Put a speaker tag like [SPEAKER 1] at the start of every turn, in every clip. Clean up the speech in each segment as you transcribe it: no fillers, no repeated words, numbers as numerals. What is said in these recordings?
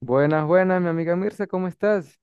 [SPEAKER 1] Buenas, buenas, mi amiga Mirza, ¿cómo estás?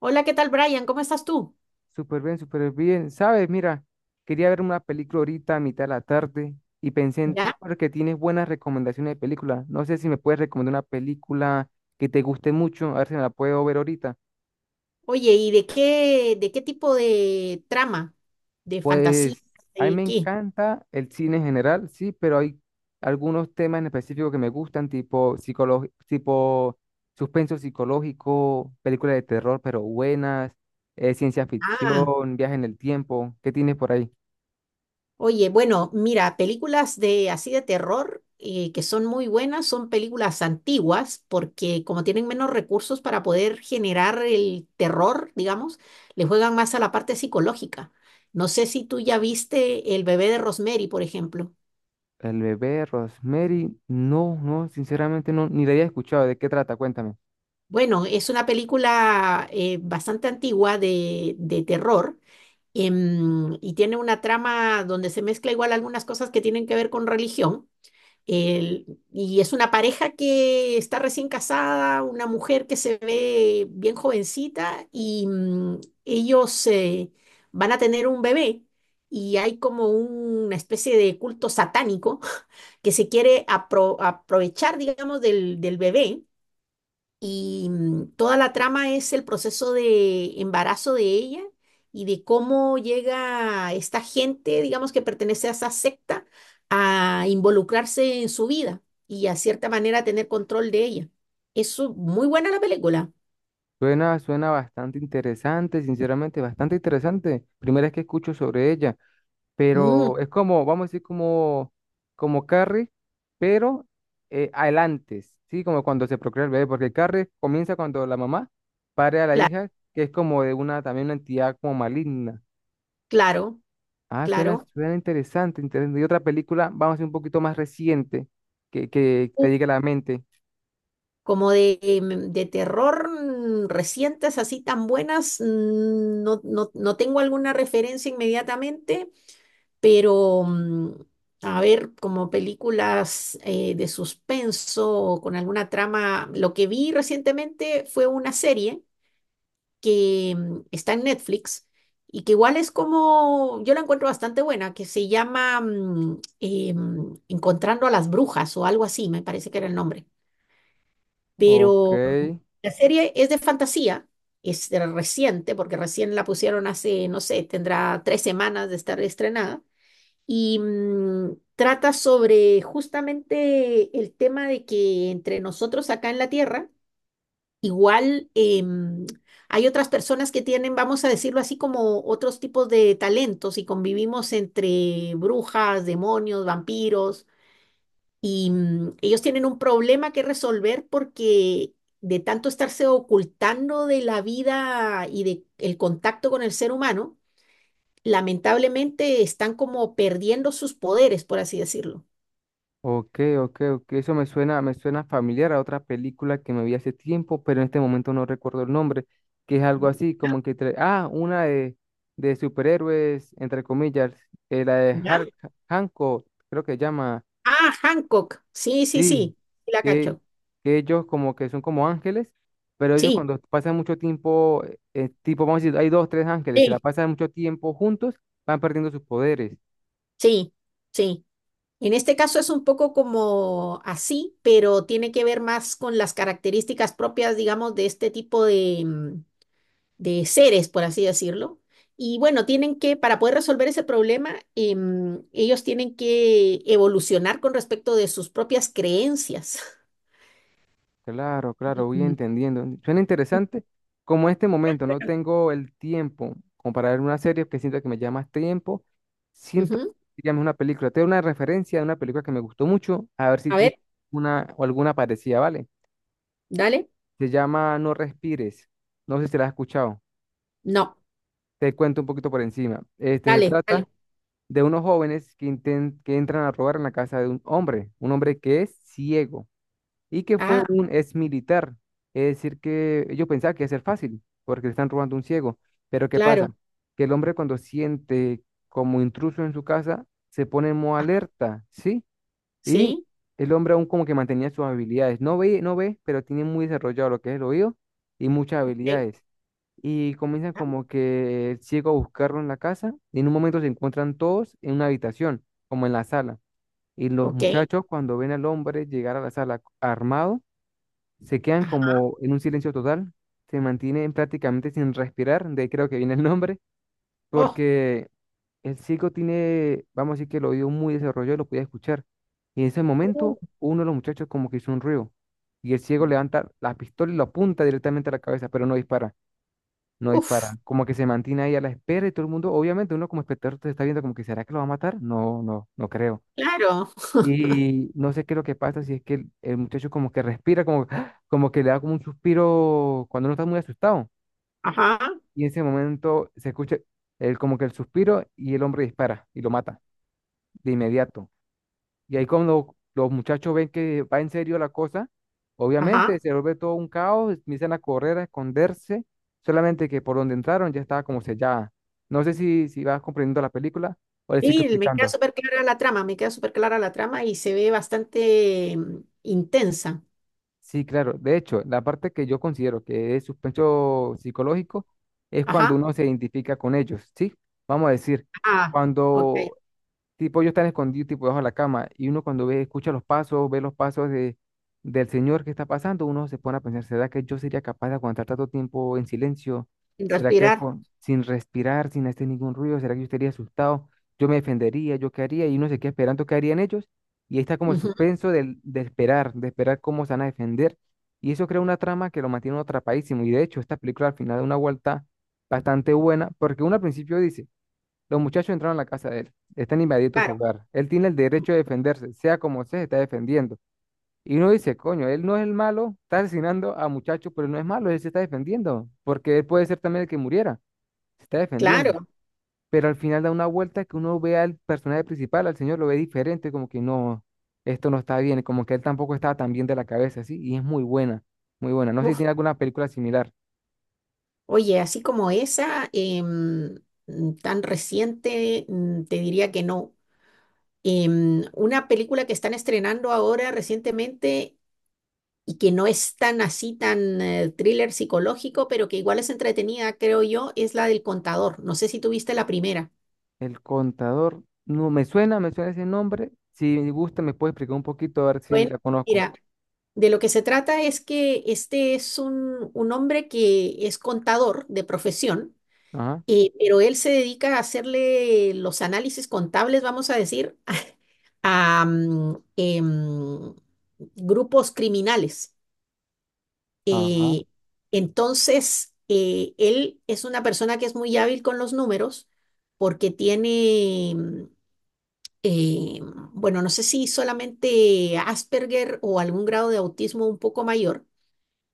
[SPEAKER 2] Hola, ¿qué tal, Brian? ¿Cómo estás tú?
[SPEAKER 1] Súper bien, súper bien. Sabes, mira, quería ver una película ahorita a mitad de la tarde y pensé en ti
[SPEAKER 2] ¿Ya?
[SPEAKER 1] porque tienes buenas recomendaciones de película. No sé si me puedes recomendar una película que te guste mucho, a ver si me la puedo ver ahorita.
[SPEAKER 2] Oye, ¿y de qué tipo de trama? ¿De fantasía?
[SPEAKER 1] Pues a mí me
[SPEAKER 2] ¿De qué?
[SPEAKER 1] encanta el cine en general, sí, pero hay algunos temas en específico que me gustan, tipo suspenso psicológico, películas de terror, pero buenas, ciencia
[SPEAKER 2] Ah,
[SPEAKER 1] ficción, viaje en el tiempo. ¿Qué tienes por ahí?
[SPEAKER 2] oye, bueno, mira, películas de así de terror que son muy buenas son películas antiguas porque como tienen menos recursos para poder generar el terror, digamos, le juegan más a la parte psicológica. No sé si tú ya viste El bebé de Rosemary, por ejemplo.
[SPEAKER 1] El bebé Rosemary, no, no, sinceramente no, ni la había escuchado. ¿De qué trata? Cuéntame.
[SPEAKER 2] Bueno, es una película bastante antigua de terror, y tiene una trama donde se mezcla igual algunas cosas que tienen que ver con religión. Y es una pareja que está recién casada, una mujer que se ve bien jovencita y, ellos van a tener un bebé y hay como una especie de culto satánico que se quiere aprovechar, digamos, del bebé y, toda la trama es el proceso de embarazo de ella y de cómo llega esta gente, digamos que pertenece a esa secta, a involucrarse en su vida y a cierta manera tener control de ella. Es muy buena la película.
[SPEAKER 1] Suena, suena bastante interesante, sinceramente, bastante interesante. Primera vez que escucho sobre ella.
[SPEAKER 2] Mm,
[SPEAKER 1] Pero es como, vamos a decir, como, como Carrie, pero al antes, ¿sí? Como cuando se procrea el bebé, porque el Carrie comienza cuando la mamá pare a la
[SPEAKER 2] cla-
[SPEAKER 1] hija, que es como de una, también una entidad como maligna.
[SPEAKER 2] claro,
[SPEAKER 1] Ah, suena,
[SPEAKER 2] claro.
[SPEAKER 1] suena interesante, interesante. Y otra película, vamos a decir, un poquito más reciente, que te
[SPEAKER 2] Uf.
[SPEAKER 1] llegue a la mente.
[SPEAKER 2] Como de, de terror, recientes, así tan buenas, mm, no, no tengo alguna referencia inmediatamente. Pero, mm, a ver, como películas de suspenso o con alguna trama, lo que vi recientemente fue una serie que, está en Netflix y que igual es como, yo la encuentro bastante buena, que se llama Encontrando a las Brujas o algo así, me parece que era el nombre.
[SPEAKER 1] Ok.
[SPEAKER 2] Pero la serie es de fantasía. Es de reciente, porque recién la pusieron hace, no sé, tendrá 3 semanas de estar estrenada y, trata sobre justamente el tema de que entre nosotros acá en la Tierra, igual, hay otras personas que tienen, vamos a decirlo así, como otros tipos de talentos y convivimos entre brujas, demonios, vampiros, y, ellos tienen un problema que resolver porque... de tanto estarse ocultando de la vida y de el contacto con el ser humano, lamentablemente están como perdiendo sus poderes, por así decirlo.
[SPEAKER 1] Ok, ok, ok. Eso me suena familiar a otra película que me vi hace tiempo, pero en este momento no recuerdo el nombre, que es algo así, como que... una de superhéroes, entre comillas, la de
[SPEAKER 2] ¿Ya?
[SPEAKER 1] Har Hancock, creo que se llama.
[SPEAKER 2] Ah, Hancock. Sí, sí,
[SPEAKER 1] Sí,
[SPEAKER 2] sí. Sí, la
[SPEAKER 1] que,
[SPEAKER 2] cacho.
[SPEAKER 1] que ellos como que son como ángeles, pero ellos
[SPEAKER 2] Sí,
[SPEAKER 1] cuando pasan mucho tiempo, tipo, vamos a decir, hay dos, tres ángeles, si la
[SPEAKER 2] sí,
[SPEAKER 1] pasan mucho tiempo juntos, van perdiendo sus poderes.
[SPEAKER 2] sí, sí. En este caso es un poco como así, pero tiene que ver más con las características propias, digamos, de este tipo de, mm, de seres, por así decirlo. Y bueno, tienen que, para poder resolver ese problema, ellos tienen que evolucionar con respecto de sus propias creencias.
[SPEAKER 1] Claro, claro, voy
[SPEAKER 2] Mm,
[SPEAKER 1] entendiendo. Suena interesante. Como en este momento no tengo el tiempo como para ver una serie que siento que me llama más tiempo, siento
[SPEAKER 2] ujú.
[SPEAKER 1] que es una película. Tengo una referencia de una película que me gustó mucho, a ver si
[SPEAKER 2] A
[SPEAKER 1] tiene
[SPEAKER 2] ver,
[SPEAKER 1] una o alguna parecida, ¿vale?
[SPEAKER 2] dale.
[SPEAKER 1] Se llama No Respires. No sé si la has escuchado.
[SPEAKER 2] No,
[SPEAKER 1] Te cuento un poquito por encima. Este se
[SPEAKER 2] dale,
[SPEAKER 1] trata
[SPEAKER 2] dale.
[SPEAKER 1] de unos jóvenes que, que entran a robar en la casa de un hombre que es ciego, y que fue
[SPEAKER 2] Ah,
[SPEAKER 1] un ex militar. Es decir, que yo pensaba que iba a ser fácil, porque le están robando un ciego. Pero ¿qué pasa?
[SPEAKER 2] claro,
[SPEAKER 1] Que el hombre cuando siente como intruso en su casa, se pone en modo alerta, ¿sí? Y
[SPEAKER 2] sí.
[SPEAKER 1] el hombre aún como que mantenía sus habilidades. No ve, no ve, pero tiene muy desarrollado lo que es el oído y muchas
[SPEAKER 2] Ok.
[SPEAKER 1] habilidades. Y comienzan
[SPEAKER 2] Ajá,
[SPEAKER 1] como que el ciego a buscarlo en la casa y en un momento se encuentran todos en una habitación, como en la sala. Y los
[SPEAKER 2] ok,
[SPEAKER 1] muchachos cuando ven al hombre llegar a la sala armado, se quedan
[SPEAKER 2] ajá.
[SPEAKER 1] como en un silencio total, se mantienen prácticamente sin respirar, de ahí creo que viene el nombre,
[SPEAKER 2] Oh,
[SPEAKER 1] porque el ciego tiene, vamos a decir que el oído muy desarrollado, lo podía escuchar. Y en ese
[SPEAKER 2] uh,
[SPEAKER 1] momento, uno de los muchachos como que hizo un ruido, y el ciego levanta la pistola y lo apunta directamente a la cabeza, pero no dispara, no
[SPEAKER 2] uf,
[SPEAKER 1] dispara, como que se mantiene ahí a la espera y todo el mundo, obviamente uno como espectador te está viendo como que, ¿será que lo va a matar? No, no, no creo.
[SPEAKER 2] claro.
[SPEAKER 1] Y no sé qué es lo que pasa, si es que el muchacho como que respira, como, ¡ah!, como que le da como un suspiro cuando uno está muy asustado.
[SPEAKER 2] Ajá,
[SPEAKER 1] Y en ese momento se escucha el, como que el suspiro y el hombre dispara y lo mata de inmediato. Y ahí cuando los muchachos ven que va en serio la cosa, obviamente
[SPEAKER 2] ajá.
[SPEAKER 1] se vuelve todo un caos, empiezan a correr, a esconderse, solamente que por donde entraron ya estaba como sellada. No sé si vas comprendiendo la película o le sigo
[SPEAKER 2] Sí, me queda
[SPEAKER 1] explicando.
[SPEAKER 2] súper clara la trama, me queda súper clara la trama y se ve bastante, intensa.
[SPEAKER 1] Sí, claro. De hecho, la parte que yo considero que es suspenso psicológico es cuando
[SPEAKER 2] Ajá.
[SPEAKER 1] uno se identifica con ellos, ¿sí? Vamos a decir,
[SPEAKER 2] Ah, ok.
[SPEAKER 1] cuando tipo, ellos están escondidos, tipo, bajo la cama. Y uno cuando ve, escucha los pasos, ve los pasos de, del señor que está pasando, uno se pone a pensar, ¿será que yo sería capaz de aguantar tanto tiempo en silencio?
[SPEAKER 2] Sin
[SPEAKER 1] ¿Será que
[SPEAKER 2] respirar.
[SPEAKER 1] sin respirar, sin hacer ningún ruido? ¿Será que yo estaría asustado? ¿Yo me defendería? ¿Yo qué haría? Y uno se queda esperando qué harían ellos. Y ahí está como el
[SPEAKER 2] Ujú.
[SPEAKER 1] suspenso del, de esperar cómo se van a defender. Y eso crea una trama que lo mantiene uno atrapadísimo. Y de hecho, esta película al final da una vuelta bastante buena, porque uno al principio dice, los muchachos entraron a la casa de él, están invadiendo su
[SPEAKER 2] Claro,
[SPEAKER 1] hogar. Él tiene el derecho de defenderse, sea como sea, se está defendiendo. Y uno dice, coño, él no es el malo, está asesinando a muchachos, pero no es malo, él se está defendiendo, porque él puede ser también el que muriera, se está defendiendo.
[SPEAKER 2] claro.
[SPEAKER 1] Pero al final da una vuelta que uno ve al personaje principal, al señor lo ve diferente, como que no, esto no está bien, como que él tampoco estaba tan bien de la cabeza, ¿sí? Y es muy buena, muy buena. No sé si
[SPEAKER 2] Uf.
[SPEAKER 1] tiene alguna película similar.
[SPEAKER 2] Oye, así como esa, tan reciente, mm, te diría que no. Una película que están estrenando ahora recientemente y que no es tan así, tan thriller psicológico, pero que igual es entretenida, creo yo, es la del contador. No sé si tuviste la primera.
[SPEAKER 1] El contador. No, me suena ese nombre. Si me gusta, me puede explicar un poquito a ver si
[SPEAKER 2] Bueno,
[SPEAKER 1] la conozco.
[SPEAKER 2] mira, de lo que se trata es que este es un hombre que es contador de profesión,
[SPEAKER 1] Ajá,
[SPEAKER 2] pero él se dedica a hacerle los análisis contables, vamos a decir, a, grupos criminales.
[SPEAKER 1] ajá.
[SPEAKER 2] Eh, entonces, él es una persona que es muy hábil con los números porque tiene, eh, bueno, no sé si solamente Asperger o algún grado de autismo un poco mayor.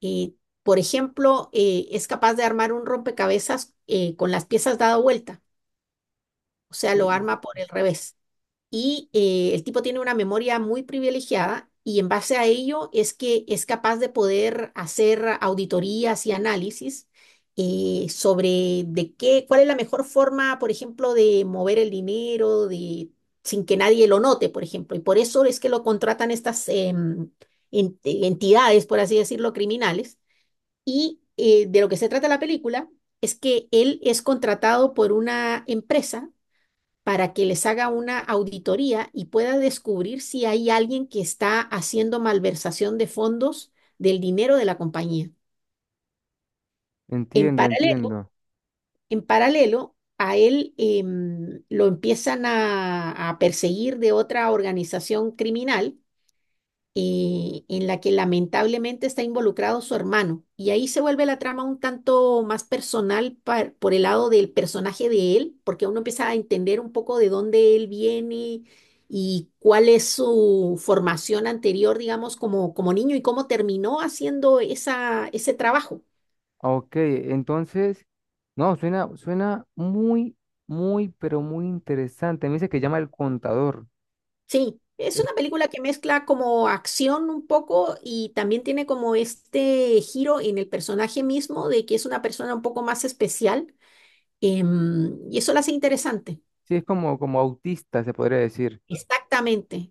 [SPEAKER 2] Eh, por ejemplo, es capaz de armar un rompecabezas con las piezas dado vuelta, o sea,
[SPEAKER 1] eh,
[SPEAKER 2] lo arma por el revés y, el tipo tiene una memoria muy privilegiada y en base a ello es que es capaz de poder hacer auditorías y análisis, sobre de qué, cuál es la mejor forma, por ejemplo, de mover el dinero de, sin que nadie lo note, por ejemplo. Y por eso es que lo contratan estas, entidades, por así decirlo, criminales. Y, de lo que se trata la película es que él es contratado por una empresa para que les haga una auditoría y pueda descubrir si hay alguien que está haciendo malversación de fondos del dinero de la compañía. En
[SPEAKER 1] Entiendo,
[SPEAKER 2] paralelo,
[SPEAKER 1] entiendo.
[SPEAKER 2] en paralelo a él, lo empiezan a perseguir de otra organización criminal, en la que lamentablemente está involucrado su hermano. Y ahí se vuelve la trama un tanto más personal por el lado del personaje de él, porque uno empieza a entender un poco de dónde él viene y cuál es su formación anterior, digamos, como, como niño y cómo terminó haciendo ese trabajo.
[SPEAKER 1] Ok, entonces, no, suena, suena muy, muy, pero muy interesante. Me dice que llama el contador.
[SPEAKER 2] Sí. Es
[SPEAKER 1] Es-
[SPEAKER 2] una película que mezcla como acción un poco y también tiene como este giro en el personaje mismo de que es una persona un poco más especial. Y eso la hace interesante.
[SPEAKER 1] sí, es como, como autista, se podría decir.
[SPEAKER 2] Exactamente,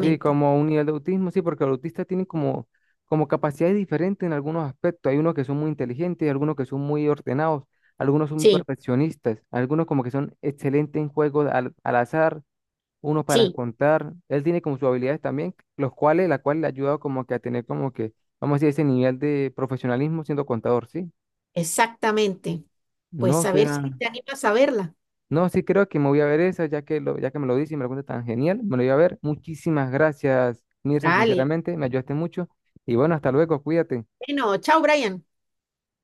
[SPEAKER 1] Sí, como un nivel de autismo, sí, porque los autistas tienen como, como capacidades diferentes en algunos aspectos. Hay unos que son muy inteligentes, algunos que son muy ordenados, algunos son muy
[SPEAKER 2] Sí,
[SPEAKER 1] perfeccionistas, algunos como que son excelentes en juegos al azar, unos para
[SPEAKER 2] sí,
[SPEAKER 1] contar. Él tiene como sus habilidades también, los cuales, la cual le ha ayudado como que a tener como que, vamos a decir, ese nivel de profesionalismo siendo contador, ¿sí?
[SPEAKER 2] exactamente. Pues
[SPEAKER 1] No,
[SPEAKER 2] a ver si
[SPEAKER 1] será.
[SPEAKER 2] te animas a verla.
[SPEAKER 1] No, sí creo que me voy a ver esa, ya que, lo, ya que me lo dice y me lo cuenta tan genial, me lo voy a ver. Muchísimas gracias, Mirza,
[SPEAKER 2] Dale.
[SPEAKER 1] sinceramente, me ayudaste mucho. Y bueno, hasta luego, cuídate.
[SPEAKER 2] Bueno, chao, Brian.